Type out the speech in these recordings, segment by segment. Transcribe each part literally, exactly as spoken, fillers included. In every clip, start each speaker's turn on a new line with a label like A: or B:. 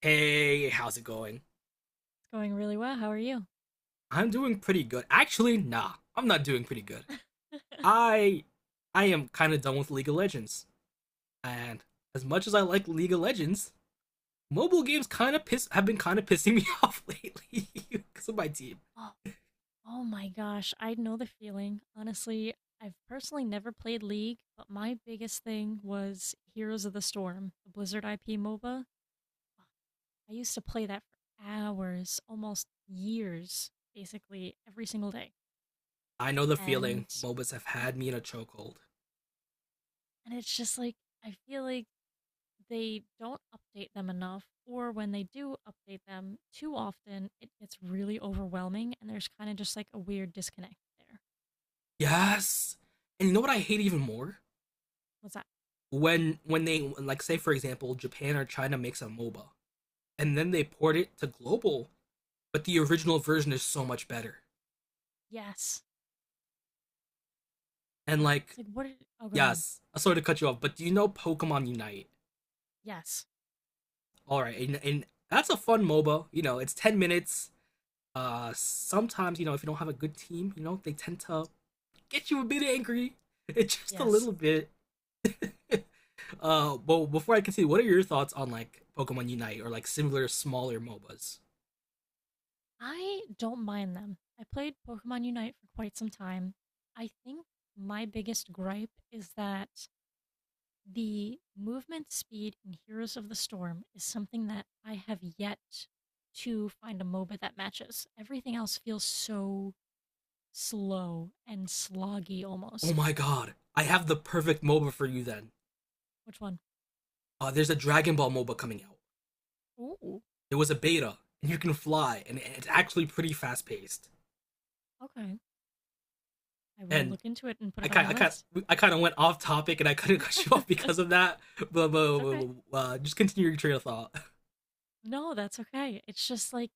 A: Hey, how's it going?
B: Going really well. How are you?
A: I'm doing pretty good. Actually, nah, I'm not doing pretty good. I I am kind of done with League of Legends. And as much as I like League of Legends, mobile games kind of piss have been kind of pissing me off lately because of my team.
B: Oh, oh my gosh, I know the feeling. Honestly, I've personally never played League, but my biggest thing was Heroes of the Storm, the Blizzard I P MOBA. I used to play that for hours, almost years, basically every single day.
A: I know the feeling.
B: And
A: MOBAs have had me in a chokehold.
B: and it's just like I feel like they don't update them enough, or when they do update them too often, it gets really overwhelming and there's kind of just like a weird disconnect there.
A: Yes. And you know what I hate even more?
B: What's that?
A: When when they, like, say for example, Japan or China makes a MOBA and then they port it to global, but the original version is so much better.
B: Yes.
A: And
B: Ugh,
A: like
B: it's like, what? Did, oh, go ahead.
A: Yes. Sorry to cut you off, but do you know Pokemon Unite?
B: Yes.
A: All right, and, and that's a fun MOBA. You know, it's ten minutes. Uh, sometimes you know if you don't have a good team, you know they tend to get you a bit angry, it's just a
B: Yes.
A: little bit. Uh, but before I continue, what are your thoughts on like Pokemon Unite or like similar smaller MOBAs?
B: I don't mind them. I played Pokemon Unite for quite some time. I think my biggest gripe is that the movement speed in Heroes of the Storm is something that I have yet to find a MOBA that matches. Everything else feels so slow and sloggy
A: Oh
B: almost.
A: my God, I have the perfect MOBA for you then.
B: Which one?
A: Uh, there's a Dragon Ball MOBA coming out.
B: Ooh,
A: There was a beta, and you can fly, and it's actually pretty fast paced.
B: okay. I will
A: And
B: look into it and put
A: I
B: it on
A: kind
B: my
A: I kind
B: list.
A: I kind of went off topic and I kind of cut you
B: It's
A: off because of that. But, but, but,
B: okay.
A: but, uh, just continue your train of thought.
B: No, that's okay. It's just like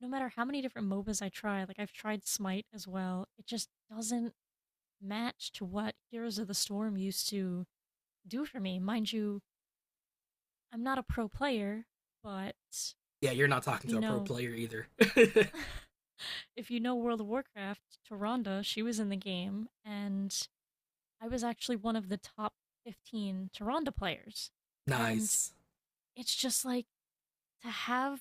B: no matter how many different MOBAs I try, like I've tried Smite as well, it just doesn't match to what Heroes of the Storm used to do for me. Mind you, I'm not a pro player, but
A: Yeah, you're not
B: if
A: talking
B: you
A: to a pro
B: know
A: player either.
B: if you know World of Warcraft, Taronda, she was in the game, and I was actually one of the top fifteen Taronda players. And
A: Nice.
B: it's just like to have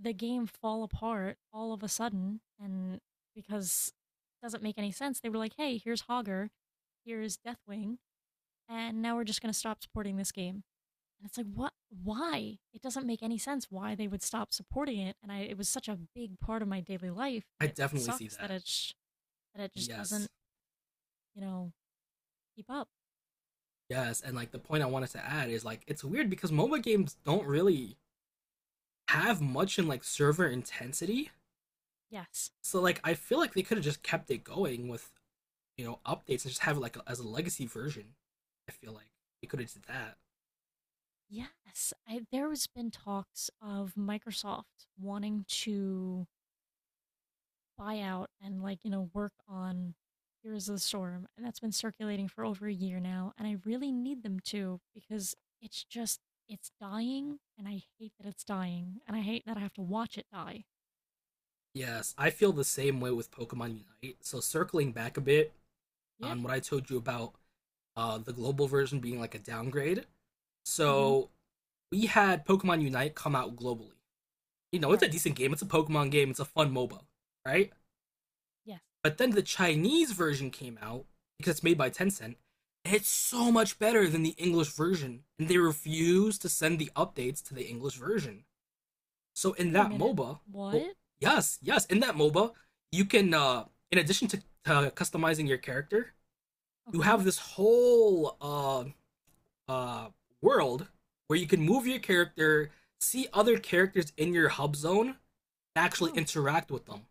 B: the game fall apart all of a sudden, and because it doesn't make any sense. They were like, hey, here's Hogger, here's Deathwing, and now we're just going to stop supporting this game. And it's like, what? Why? It doesn't make any sense why they would stop supporting it. And i it was such a big part of my daily life,
A: I
B: and it
A: definitely see
B: sucks that
A: that.
B: it sh- that it just
A: Yes.
B: doesn't, you know, keep up.
A: Yes, and like the point I wanted to add is like it's weird because MOBA games don't really have much in like server intensity.
B: Yes,
A: So like I feel like they could have just kept it going with, you know, updates and just have it like a, as a legacy version. I feel like they could have did that.
B: yes, I, there has been talks of Microsoft wanting to buy out and, like, you know, work on Heroes of the Storm, and that's been circulating for over a year now, and I really need them to because it's just, it's dying, and I hate that it's dying, and I hate that I have to watch it die.
A: Yes, I feel the same way with Pokemon Unite. So circling back a bit
B: Yeah.
A: on what I told you about uh, the global version being like a downgrade.
B: Mm-hmm.
A: So we had Pokemon Unite come out globally. You know, it's a
B: Right.
A: decent game. It's a Pokemon game. It's a fun MOBA, right?
B: Yes.
A: But then the Chinese version came out because it's made by Tencent. And it's so much better than the English version, and they refuse to send the updates to the English version. So in
B: Wait a
A: that
B: minute.
A: MOBA, oh,
B: What?
A: yes, yes, in that MOBA, you can, uh in addition to uh, customizing your character, you
B: Okay.
A: have this whole uh uh world where you can move your character, see other characters in your hub zone, and actually
B: Oh.
A: interact with them.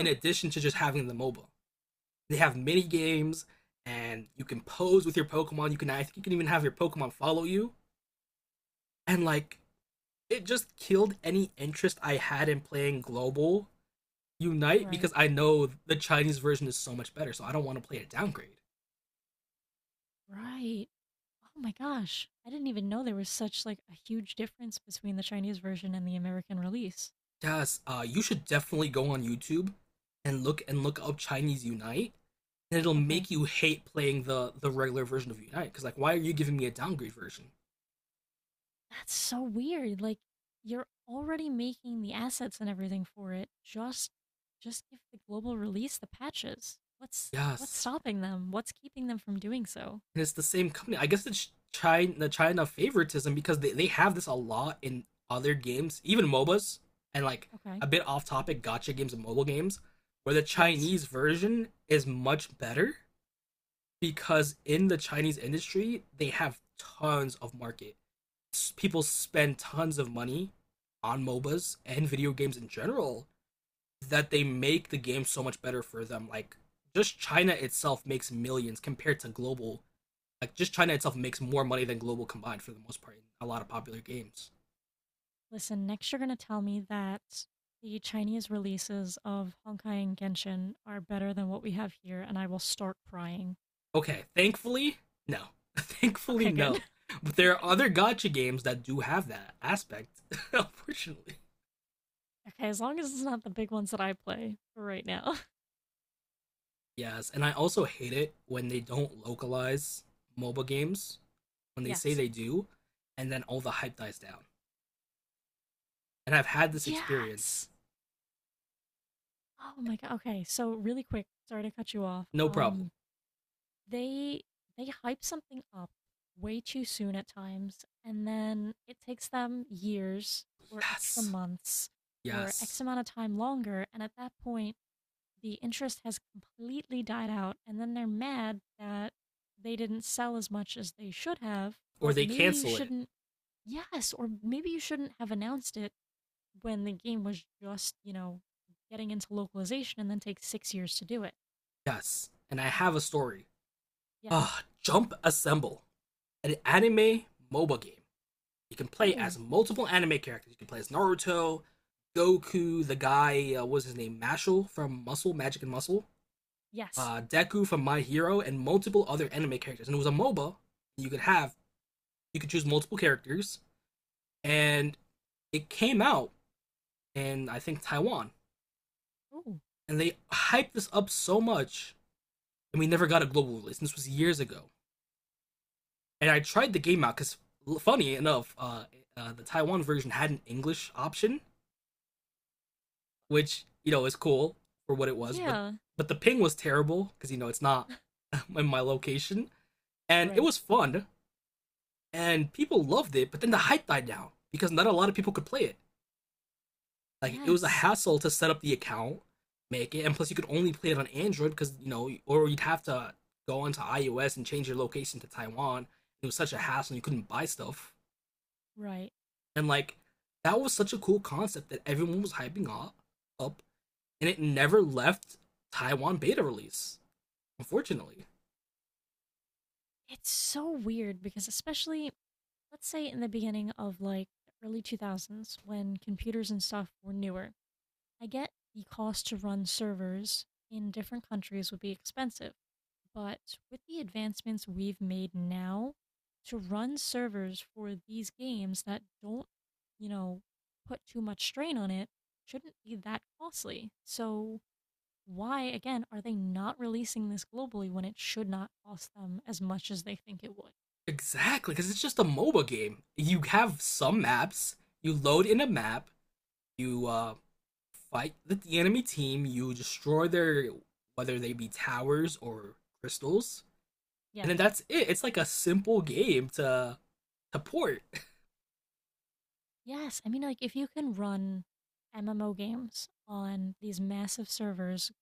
A: In addition to just having the MOBA, they have mini games, and you can pose with your Pokemon. You can I think you can even have your Pokemon follow you, and like it just killed any interest I had in playing global Unite
B: Right.
A: because I know the Chinese version is so much better, so I don't want to play a downgrade.
B: Right. Oh my gosh. I didn't even know there was such like a huge difference between the Chinese version and the American release.
A: Yes, uh, you should definitely go on YouTube and look and look up Chinese Unite, and it'll
B: Okay.
A: make you hate playing the the regular version of Unite because, like, why are you giving me a downgrade version?
B: That's so weird. Like, you're already making the assets and everything for it. Just just give the global release the patches. What's what's
A: Yes,
B: stopping them? What's keeping them from doing so?
A: and it's the same company. I guess it's China the China favoritism because they, they have this a lot in other games, even MOBAs, and, like,
B: Okay.
A: a bit off topic, gotcha games and mobile games, where the
B: Yes.
A: Chinese version is much better because in the Chinese industry, they have tons of market. People spend tons of money on MOBAs and video games in general that they make the game so much better for them. Like, just China itself makes millions compared to global. Like, just China itself makes more money than global combined for the most part in a lot of popular games.
B: Listen, next you're going to tell me that the Chinese releases of Honkai and Genshin are better than what we have here and I will start crying.
A: Okay, thankfully, no. Thankfully,
B: Okay, good.
A: no. But there are other gotcha games that do have that aspect, unfortunately.
B: Okay, as long as it's not the big ones that I play for right now.
A: Yes, and I also hate it when they don't localize MOBA games when they say
B: Yes.
A: they do, and then all the hype dies down. And I've had this experience,
B: Yes. Oh my god. Okay, so really quick, sorry to cut you off.
A: no problem.
B: Um, they they hype something up way too soon at times, and then it takes them years or extra
A: Yes,
B: months or X
A: yes.
B: amount of time longer, and at that point, the interest has completely died out, and then they're mad that they didn't sell as much as they should have.
A: Or
B: But
A: they
B: maybe you
A: cancel it,
B: shouldn't. Yes, or maybe you shouldn't have announced it when the game was just, you know, getting into localization and then takes six years to do it.
A: yes. And I have a story.
B: Yes.
A: Ah, Jump Assemble, an anime MOBA game. You can play
B: Ooh.
A: as multiple anime characters. You can play as Naruto, Goku, the guy, uh, what was his name, Mashal from Muscle, Magic and Muscle.
B: Yes.
A: uh, Deku from My Hero, and multiple other anime characters. And it was a MOBA. You could have you could choose multiple characters, and it came out in, I think, Taiwan,
B: Ooh.
A: and they hyped this up so much, and we never got a global release. And this was years ago. And I tried the game out because, funny enough, uh, uh, the Taiwan version had an English option, which, you
B: Uh,
A: know is cool for what it was, but
B: yeah.
A: but the ping was terrible because, you know it's not in my location, and it
B: Right.
A: was fun. And people loved it. But then the hype died down because not a lot of people could play it. Like, it was a
B: Yes.
A: hassle to set up the account, make it, and plus you could only play it on Android because you know, or you'd have to go onto iOS and change your location to Taiwan. It was such a hassle. And you couldn't buy stuff,
B: Right.
A: and, like, that was such a cool concept that everyone was hyping up, up, and it never left Taiwan beta release. Unfortunately,
B: It's so weird because, especially, let's say in the beginning of like the early two thousands when computers and stuff were newer, I get the cost to run servers in different countries would be expensive. But with the advancements we've made now to run servers for these games that don't, you know, put too much strain on it shouldn't be that costly. So why again are they not releasing this globally when it should not cost them as much as they think it would?
A: exactly, because it's just a MOBA game. You have some maps. You load in a map. You, uh, fight with the enemy team, you destroy their, whether they be towers or crystals, and
B: Yes.
A: then that's it. It's like a simple game to to port.
B: Yes, I mean like if you can run M M O games on these massive servers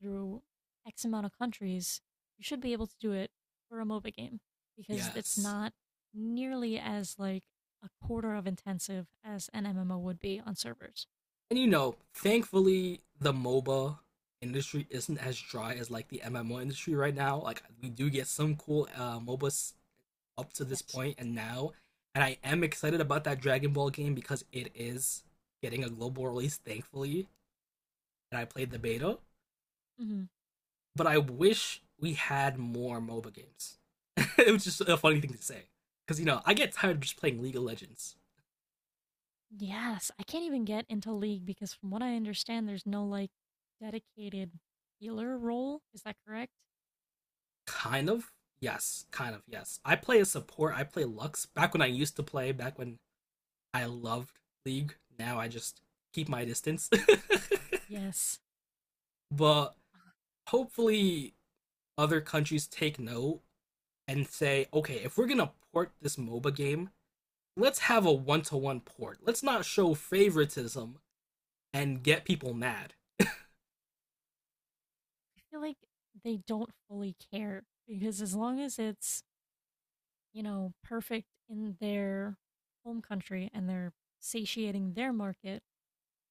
B: through X amount of countries, you should be able to do it for a MOBA game because it's
A: Yes,
B: not nearly as like a quarter of intensive as an M M O would be on servers.
A: and, you know, thankfully the MOBA industry isn't as dry as like the M M O industry right now. Like, we do get some cool uh, MOBAs up to this
B: Yes.
A: point and now, and I am excited about that Dragon Ball game because it is getting a global release. Thankfully, and I played the beta.
B: Hmm.
A: But I wish we had more MOBA games. It was just a funny thing to say. Because, you know, I get tired of just playing League of Legends.
B: Yes. I can't even get into League because, from what I understand, there's no like dedicated healer role. Is that correct?
A: Kind of. Yes. Kind of. Yes. I play a support. I play Lux. Back when I used to play, back when I loved League, now I just keep my distance.
B: Yes.
A: But hopefully, other countries take note and say, okay, if we're going to port this MOBA game, let's have a one to one port. Let's not show favoritism and get people mad.
B: I feel like they don't fully care because as long as it's, you know, perfect in their home country and they're satiating their market,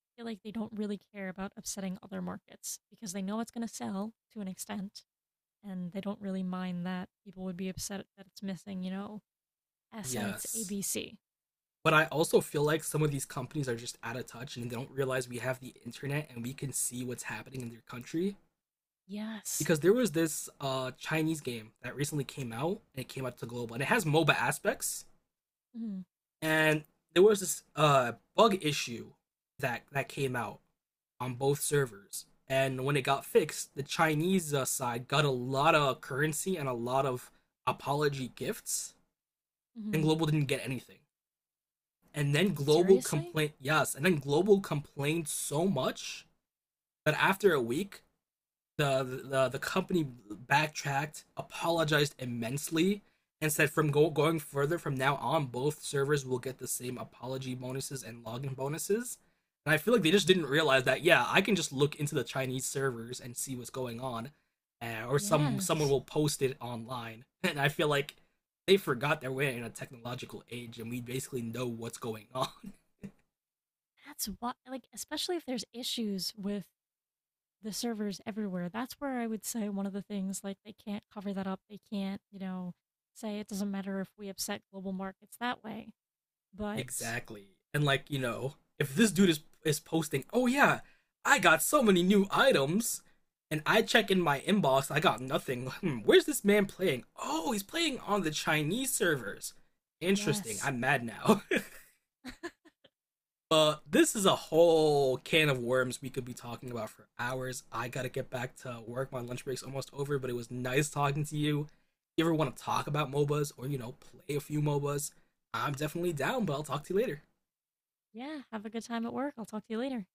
B: I feel like they don't really care about upsetting other markets because they know it's going to sell to an extent and they don't really mind that people would be upset that it's missing, you know, assets
A: Yes.
B: A B C.
A: But I also feel like some of these companies are just out of touch and they don't realize we have the internet and we can see what's happening in their country.
B: Yes.
A: Because there was this uh, Chinese game that recently came out and it came out to global and it has MOBA aspects.
B: Hmm.
A: And there was this uh, bug issue that, that came out on both servers. And when it got fixed, the Chinese uh, side got a lot of currency and a lot of apology gifts, and
B: Hmm.
A: Global didn't get anything. And then global
B: Seriously?
A: complained, yes, and then global complained so much that after a week, the the, the company backtracked, apologized immensely, and said from go- going further, from now on both servers will get the same apology bonuses and login bonuses. And I feel like they just didn't realize that, yeah, I can just look into the Chinese servers and see what's going on. Uh, or some someone
B: Yes.
A: will post it online and I feel like they forgot that we're in a technological age and we basically know what's going on.
B: That's what, like, especially if there's issues with the servers everywhere. That's where I would say one of the things, like, they can't cover that up. They can't, you know, say it doesn't matter if we upset global markets that way. But
A: Exactly. And, like, you know, if this dude is is posting, "Oh yeah, I got so many new items." And I check in my inbox, I got nothing. Hmm, where's this man playing? Oh, he's playing on the Chinese servers. Interesting.
B: yes,
A: I'm mad now. But this is a whole can of worms we could be talking about for hours. I got to get back to work. My lunch break's almost over, but it was nice talking to you. If You ever want to talk about MOBAs or, you know, play a few MOBAs? I'm definitely down, but I'll talk to you later.
B: yeah, have a good time at work. I'll talk to you later.